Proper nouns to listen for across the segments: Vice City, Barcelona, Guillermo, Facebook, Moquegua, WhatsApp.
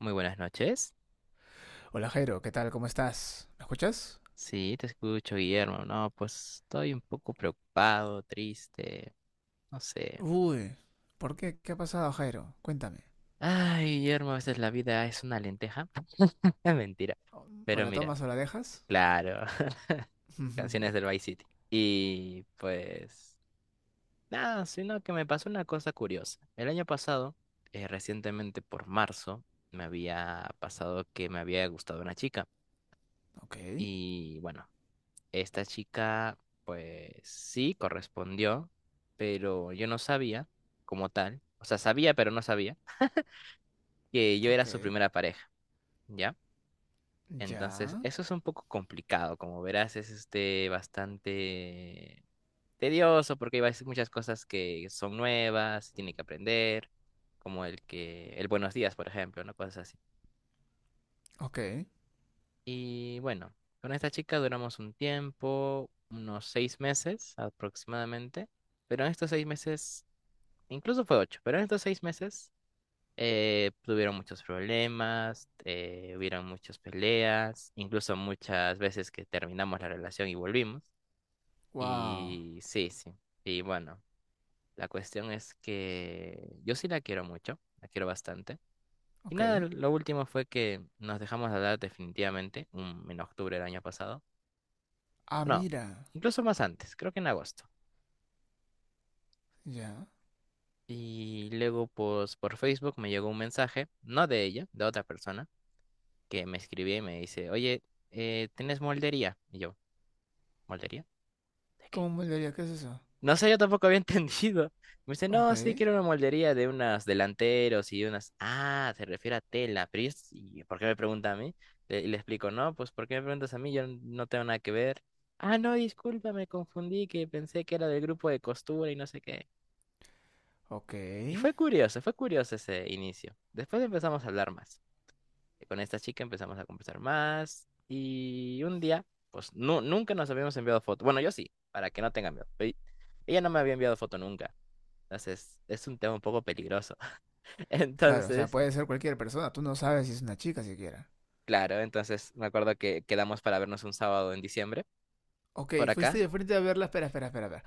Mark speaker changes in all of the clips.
Speaker 1: Muy buenas noches.
Speaker 2: Hola Jairo, ¿qué tal? ¿Cómo estás? ¿Me escuchas?
Speaker 1: Sí, te escucho, Guillermo. No, pues estoy un poco preocupado, triste, no sé.
Speaker 2: Uy, ¿por qué? ¿Qué ha pasado, Jairo? Cuéntame.
Speaker 1: Ay, Guillermo, a veces la vida es una lenteja. Mentira.
Speaker 2: ¿O
Speaker 1: Pero
Speaker 2: la
Speaker 1: mira,
Speaker 2: tomas o la dejas?
Speaker 1: claro, canciones del Vice City. Y pues, nada, sino que me pasó una cosa curiosa. El año pasado, recientemente por marzo, me había pasado que me había gustado una chica.
Speaker 2: Ok,
Speaker 1: Y bueno, esta chica sí correspondió, pero yo no sabía como tal, o sea, sabía pero no sabía que yo era
Speaker 2: ok.
Speaker 1: su primera pareja, ¿ya? Entonces,
Speaker 2: Ya.
Speaker 1: eso es un poco complicado, como verás, es este bastante tedioso porque hay veces muchas cosas que son nuevas, tiene que aprender, como el que el buenos días, por ejemplo, ¿no? Cosas así.
Speaker 2: Ok.
Speaker 1: Y bueno, con esta chica duramos un tiempo, unos seis meses aproximadamente. Pero en estos seis meses incluso fue ocho, pero en estos seis meses tuvieron muchos problemas, hubieron muchas peleas, incluso muchas veces que terminamos la relación y volvimos.
Speaker 2: Wow.
Speaker 1: Y sí, sí. Y bueno, la cuestión es que yo sí la quiero mucho, la quiero bastante. Y
Speaker 2: Ok.
Speaker 1: nada, lo último fue que nos dejamos de hablar definitivamente en octubre del año pasado.
Speaker 2: Ah,
Speaker 1: No,
Speaker 2: mira.
Speaker 1: incluso más antes, creo que en agosto.
Speaker 2: Ya.
Speaker 1: Y luego, pues, por Facebook me llegó un mensaje, no de ella, de otra persona que me escribía y me dice, oye, ¿tienes moldería? Y yo, ¿moldería? ¿De qué?
Speaker 2: ¿Cómo moldearía? ¿Qué es eso?
Speaker 1: No sé, yo tampoco había entendido. Me dice, no, sí,
Speaker 2: Ok.
Speaker 1: quiero una moldería de unos delanteros y unas... Ah, se refiere a tela, pero ¿y por qué me pregunta a mí? Y le explico, no, pues ¿por qué me preguntas a mí? Yo no tengo nada que ver. Ah, no, disculpa, me confundí, que pensé que era del grupo de costura y no sé qué.
Speaker 2: Ok.
Speaker 1: Y fue curioso ese inicio. Después empezamos a hablar más. Con esta chica empezamos a conversar más y un día, pues nunca nos habíamos enviado foto. Bueno, yo sí, para que no tengan miedo, pero ella no me había enviado foto nunca. Entonces, es un tema un poco peligroso.
Speaker 2: Claro, o sea,
Speaker 1: Entonces,
Speaker 2: puede ser cualquier persona. Tú no sabes si es una chica siquiera.
Speaker 1: claro, entonces me acuerdo que quedamos para vernos un sábado en diciembre
Speaker 2: Ok,
Speaker 1: por
Speaker 2: fuiste
Speaker 1: acá.
Speaker 2: de frente a verla. Espera, espera, espera, espera.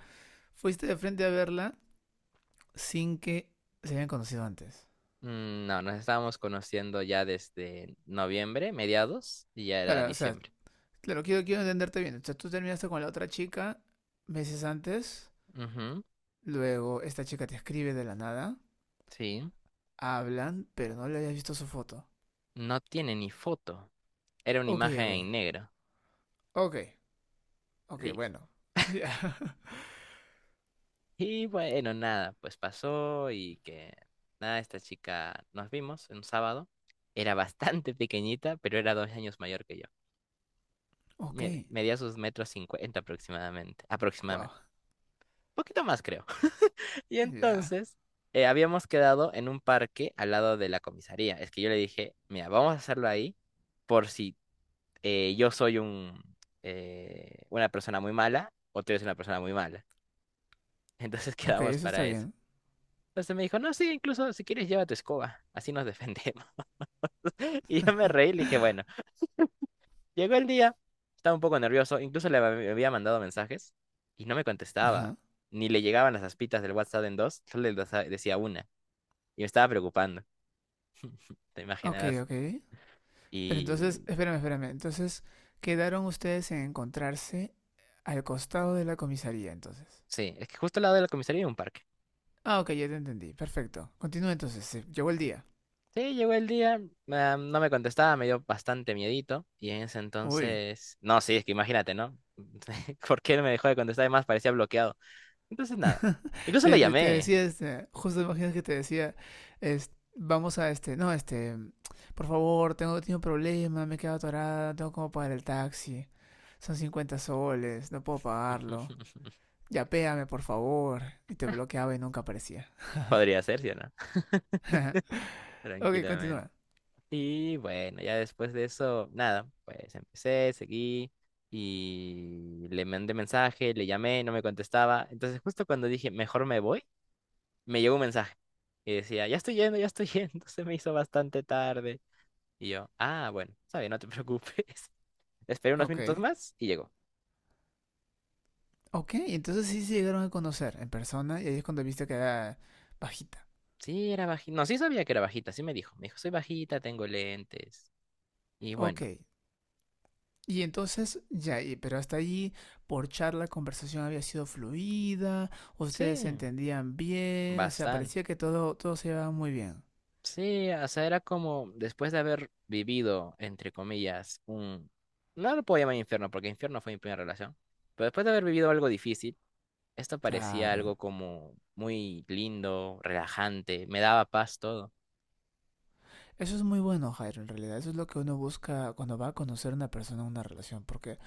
Speaker 2: Fuiste de frente a verla sin que se hayan conocido antes.
Speaker 1: Mm, no, nos estábamos conociendo ya desde noviembre, mediados, y ya era
Speaker 2: Claro, o sea,
Speaker 1: diciembre.
Speaker 2: claro, quiero, quiero entenderte bien. O sea, tú terminaste con la otra chica meses antes,
Speaker 1: Ujú,
Speaker 2: luego esta chica te escribe de la nada,
Speaker 1: sí.
Speaker 2: hablan, pero no le habías visto su foto.
Speaker 1: No tiene ni foto. Era una
Speaker 2: Ok,
Speaker 1: imagen
Speaker 2: ok,
Speaker 1: en negro.
Speaker 2: ok, ok, bueno.
Speaker 1: Listo.
Speaker 2: Ya.
Speaker 1: Y bueno, nada, pues pasó y que nada, esta chica nos vimos en un sábado. Era bastante pequeñita, pero era dos años mayor que yo.
Speaker 2: Ok,
Speaker 1: Medía sus metros cincuenta aproximadamente,
Speaker 2: wow,
Speaker 1: aproximadamente. Poquito más, creo. Y
Speaker 2: ya.
Speaker 1: entonces habíamos quedado en un parque al lado de la comisaría. Es que yo le dije, mira, vamos a hacerlo ahí por si eh, yo soy un, una persona muy mala o tú eres una persona muy mala. Entonces
Speaker 2: Ok,
Speaker 1: quedamos
Speaker 2: eso está
Speaker 1: para eso.
Speaker 2: bien.
Speaker 1: Entonces me dijo, no, sí, incluso si quieres lleva tu escoba, así nos defendemos. Y yo me reí y le dije, bueno, llegó el día, estaba un poco nervioso, incluso había mandado mensajes y no me contestaba,
Speaker 2: Ajá.
Speaker 1: ni le llegaban las aspitas del WhatsApp en dos, solo decía una, y me estaba preocupando, te
Speaker 2: Ok,
Speaker 1: imaginarás.
Speaker 2: ok. Pero entonces,
Speaker 1: Y
Speaker 2: espérame, espérame. Entonces, quedaron ustedes en encontrarse al costado de la comisaría, entonces.
Speaker 1: sí, es que justo al lado de la comisaría hay un parque.
Speaker 2: Ah, ok, ya te entendí. Perfecto. Continúa entonces. Se llegó el día.
Speaker 1: Sí, llegó el día, ah, no me contestaba, me dio bastante miedito, y en ese
Speaker 2: Uy,
Speaker 1: entonces, no, sí, es que imagínate, ¿no? ¿Por qué no me dejó de contestar? Además, parecía bloqueado. Entonces nada. Incluso la
Speaker 2: te, te, te
Speaker 1: llamé.
Speaker 2: decía, este, justo imaginas que te decía, es, vamos a este, no, este, por favor, tengo, tengo un problema, me he quedado atorada, no tengo como pagar el taxi, son 50 soles, no puedo pagarlo, ya péame por favor, y te bloqueaba y nunca aparecía.
Speaker 1: Podría ser, ¿sí o no?
Speaker 2: Ok,
Speaker 1: Tranquilamente.
Speaker 2: continúa.
Speaker 1: Y bueno, ya después de eso, nada, pues empecé, seguí y le mandé mensaje, le llamé, no me contestaba. Entonces justo cuando dije, mejor me voy, me llegó un mensaje que decía, ya estoy yendo, se me hizo bastante tarde. Y yo, ah, bueno, está bien, no te preocupes. Esperé unos minutos
Speaker 2: Ok.
Speaker 1: más y llegó.
Speaker 2: Ok, entonces sí se llegaron a conocer en persona y ahí es cuando viste que era bajita.
Speaker 1: Sí, era bajita. No, sí sabía que era bajita, sí me dijo. Me dijo, soy bajita, tengo lentes. Y
Speaker 2: Ok,
Speaker 1: bueno.
Speaker 2: y entonces, ya, pero hasta allí, por charla, la conversación había sido fluida, ustedes se
Speaker 1: Sí,
Speaker 2: entendían bien, o sea,
Speaker 1: bastante.
Speaker 2: parecía que todo, todo se llevaba muy bien.
Speaker 1: Sí, o sea, era como después de haber vivido, entre comillas, un... No lo puedo llamar infierno, porque infierno fue mi primera relación. Pero después de haber vivido algo difícil, esto parecía
Speaker 2: Claro.
Speaker 1: algo como muy lindo, relajante, me daba paz todo.
Speaker 2: Eso es muy bueno, Jairo, en realidad. Eso es lo que uno busca cuando va a conocer a una persona en una relación, porque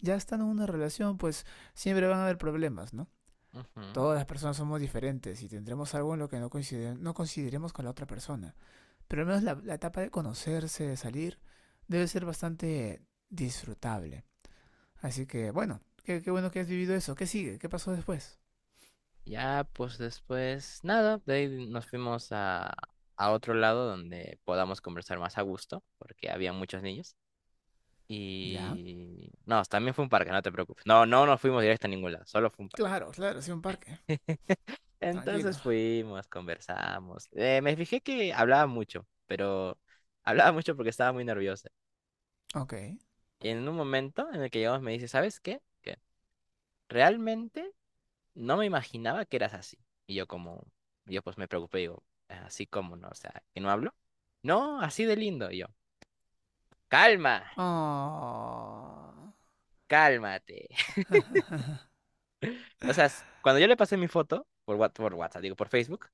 Speaker 2: ya estando en una relación, pues siempre van a haber problemas, ¿no?
Speaker 1: Ujú.
Speaker 2: Todas las personas somos diferentes y tendremos algo en lo que no, coincide, no coincidiremos con la otra persona. Pero al menos la etapa de conocerse, de salir, debe ser bastante disfrutable. Así que, bueno, qué, qué bueno que has vivido eso. ¿Qué sigue? ¿Qué pasó después?
Speaker 1: Ya, pues después, nada, de ahí nos fuimos a otro lado donde podamos conversar más a gusto, porque había muchos niños.
Speaker 2: ¿Ya?
Speaker 1: Y... no, también fue un parque, no te preocupes. No, no nos fuimos directo a ningún lado, solo fue un parque.
Speaker 2: Claro, claro, sí, un parque.
Speaker 1: Entonces
Speaker 2: Tranquilo.
Speaker 1: fuimos, conversamos. Me fijé que hablaba mucho, pero hablaba mucho porque estaba muy nerviosa.
Speaker 2: Ok.
Speaker 1: Y en un momento en el que llegamos me dice, ¿sabes qué? Que realmente no me imaginaba que eras así. Y yo como, yo pues me preocupé, digo, así como no, o sea, que no hablo. No, así de lindo. Y yo, calma,
Speaker 2: Oh.
Speaker 1: cálmate. O sea, cuando yo le pasé mi foto por, por WhatsApp, digo, por Facebook,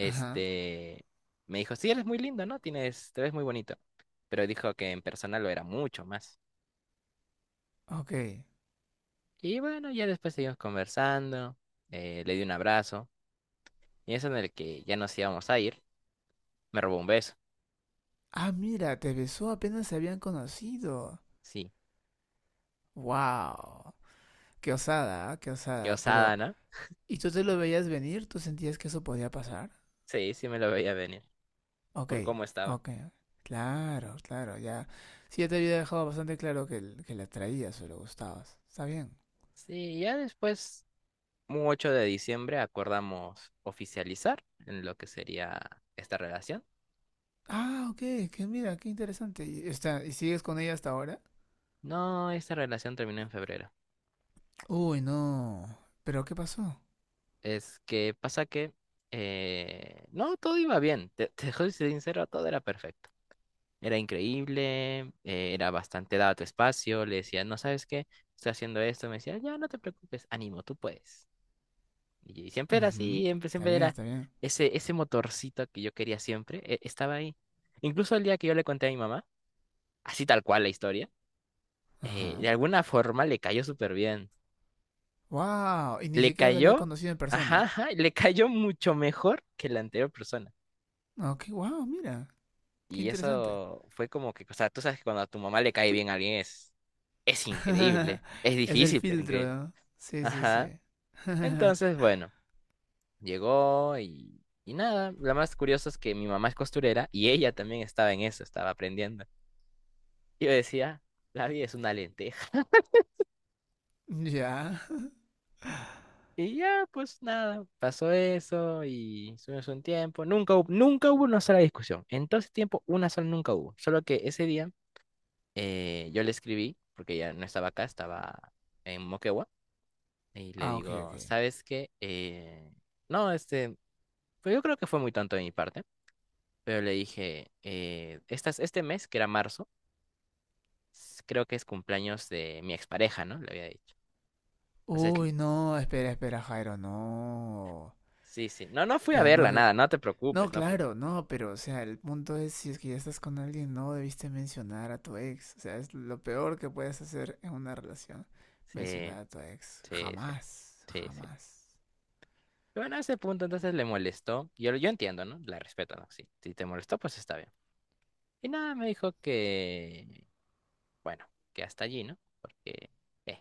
Speaker 2: Ajá.
Speaker 1: me dijo, sí, eres muy lindo, ¿no? Tienes, te ves muy bonito. Pero dijo que en persona lo era mucho más.
Speaker 2: Ok.
Speaker 1: Y bueno, ya después seguimos conversando, le di un abrazo, y eso en el que ya nos íbamos a ir, me robó un beso.
Speaker 2: Ah, mira, te besó apenas se habían conocido.
Speaker 1: Sí,
Speaker 2: Wow. Qué osada, ¿ah? Qué
Speaker 1: qué
Speaker 2: osada. Pero,
Speaker 1: osada, ¿no?
Speaker 2: ¿y tú te lo veías venir? ¿Tú sentías que eso podía pasar?
Speaker 1: Sí, sí me lo veía venir,
Speaker 2: Ok,
Speaker 1: por cómo estaba.
Speaker 2: ok. Claro, claro, ya. Sí, ya te había dejado bastante claro que la traías o le gustabas. Está bien.
Speaker 1: Sí, ya después, un 8 de diciembre, acordamos oficializar en lo que sería esta relación.
Speaker 2: Ah, ok, que mira, qué interesante. Y, está, ¿y sigues con ella hasta ahora?
Speaker 1: No, esta relación terminó en febrero.
Speaker 2: Uy, no. ¿Pero qué pasó?
Speaker 1: Es que pasa que... no, todo iba bien. Te soy sincero, todo era perfecto. Era increíble, era bastante dado tu espacio. Le decía, no sabes qué, estoy haciendo esto. Me decía, ya, no te preocupes, ánimo, tú puedes. Y siempre era así,
Speaker 2: Ujú,
Speaker 1: siempre,
Speaker 2: está
Speaker 1: siempre
Speaker 2: bien,
Speaker 1: era
Speaker 2: está bien.
Speaker 1: ese, ese motorcito que yo quería siempre, estaba ahí. Incluso el día que yo le conté a mi mamá, así tal cual la historia,
Speaker 2: Ajá.
Speaker 1: de alguna forma le cayó súper bien.
Speaker 2: Wow, y ni
Speaker 1: Le
Speaker 2: siquiera la había
Speaker 1: cayó,
Speaker 2: conocido en
Speaker 1: ajá,
Speaker 2: persona.
Speaker 1: ajá, le cayó mucho mejor que la anterior persona.
Speaker 2: Ok, wow, mira, qué
Speaker 1: Y
Speaker 2: interesante.
Speaker 1: eso fue como que, o sea, tú sabes que cuando a tu mamá le cae bien a alguien es increíble. Es
Speaker 2: Es el
Speaker 1: difícil, pero
Speaker 2: filtro,
Speaker 1: increíble.
Speaker 2: ¿no? Sí, sí, sí.
Speaker 1: Ajá. Entonces, bueno, llegó y nada. Lo más curioso es que mi mamá es costurera y ella también estaba en eso, estaba aprendiendo. Y yo decía, la vida es una lenteja.
Speaker 2: Ya.
Speaker 1: Y ya, pues nada, pasó eso y estuvimos un tiempo. Nunca hubo, nunca hubo una sola discusión. En todo ese tiempo, una sola nunca hubo. Solo que ese día yo le escribí, porque ya no estaba acá, estaba en Moquegua, y le
Speaker 2: Ah, ok,
Speaker 1: digo,
Speaker 2: ok.
Speaker 1: ¿sabes qué? No, este, pues yo creo que fue muy tonto de mi parte, pero le dije, estas, este mes, que era marzo, creo que es cumpleaños de mi expareja, ¿no? Le había dicho. Entonces,
Speaker 2: Uy, no, espera, espera, Jairo, no.
Speaker 1: sí, sí. No, no fui a
Speaker 2: Pero no,
Speaker 1: verla,
Speaker 2: de-
Speaker 1: nada, no te
Speaker 2: No,
Speaker 1: preocupes, no fui.
Speaker 2: claro, no, pero o sea, el punto es si es que ya estás con alguien, no debiste mencionar a tu ex. O sea, es lo peor que puedes hacer en una relación,
Speaker 1: Sí.
Speaker 2: mencionar a tu ex.
Speaker 1: Sí,
Speaker 2: Jamás,
Speaker 1: sí, sí, sí.
Speaker 2: jamás.
Speaker 1: Bueno, a ese punto entonces le molestó. Yo entiendo, ¿no? La respeto, ¿no? Sí, si te molestó, pues está bien. Y nada, me dijo que, bueno, que hasta allí, ¿no? Porque, eh,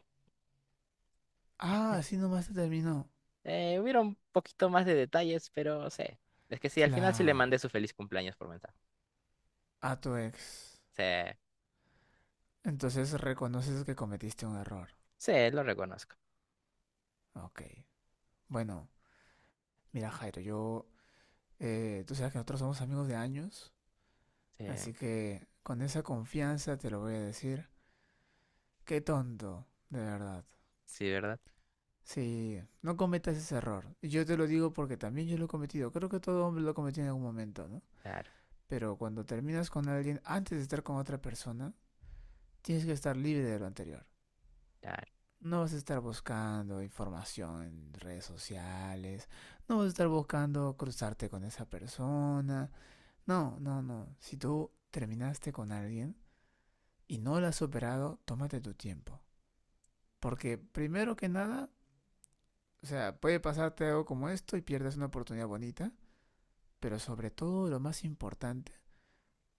Speaker 2: Ah, así nomás te terminó.
Speaker 1: hubiera un poquito más de detalles, pero sé. Es que sí, al final sí le mandé
Speaker 2: Claro,
Speaker 1: su feliz cumpleaños por mensaje.
Speaker 2: a tu ex.
Speaker 1: Sí,
Speaker 2: Entonces reconoces que cometiste un error.
Speaker 1: sí, lo reconozco.
Speaker 2: Ok. Bueno, mira Jairo, yo, tú sabes que nosotros somos amigos de años,
Speaker 1: Sí,
Speaker 2: así que con esa confianza te lo voy a decir. Qué tonto, de verdad.
Speaker 1: sí, ¿verdad?
Speaker 2: Sí, no cometas ese error. Y yo te lo digo porque también yo lo he cometido. Creo que todo hombre lo ha cometido en algún momento, ¿no?
Speaker 1: Claro,
Speaker 2: Pero cuando terminas con alguien antes de estar con otra persona, tienes que estar libre de lo anterior.
Speaker 1: claro.
Speaker 2: No vas a estar buscando información en redes sociales, no vas a estar buscando cruzarte con esa persona. No, no, no. Si tú terminaste con alguien y no lo has superado, tómate tu tiempo. Porque primero que nada, o sea, puede pasarte algo como esto y pierdes una oportunidad bonita. Pero sobre todo lo más importante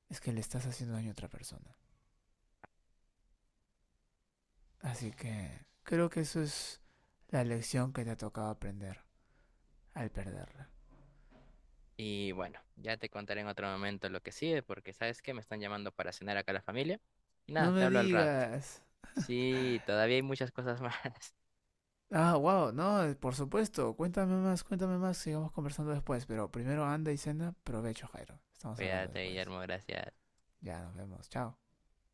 Speaker 2: es que le estás haciendo daño a otra persona. Así que creo que eso es la lección que te ha tocado aprender al perderla.
Speaker 1: Y bueno, ya te contaré en otro momento lo que sigue, porque sabes que me están llamando para cenar acá la familia. Y
Speaker 2: No
Speaker 1: nada, te
Speaker 2: me
Speaker 1: hablo al rato.
Speaker 2: digas.
Speaker 1: Sí, todavía hay muchas cosas más.
Speaker 2: Ah, wow, no, por supuesto. Cuéntame más, sigamos conversando después. Pero primero anda y cena, provecho, Jairo. Estamos hablando
Speaker 1: Cuídate,
Speaker 2: después.
Speaker 1: Guillermo, gracias.
Speaker 2: Ya nos vemos, chao.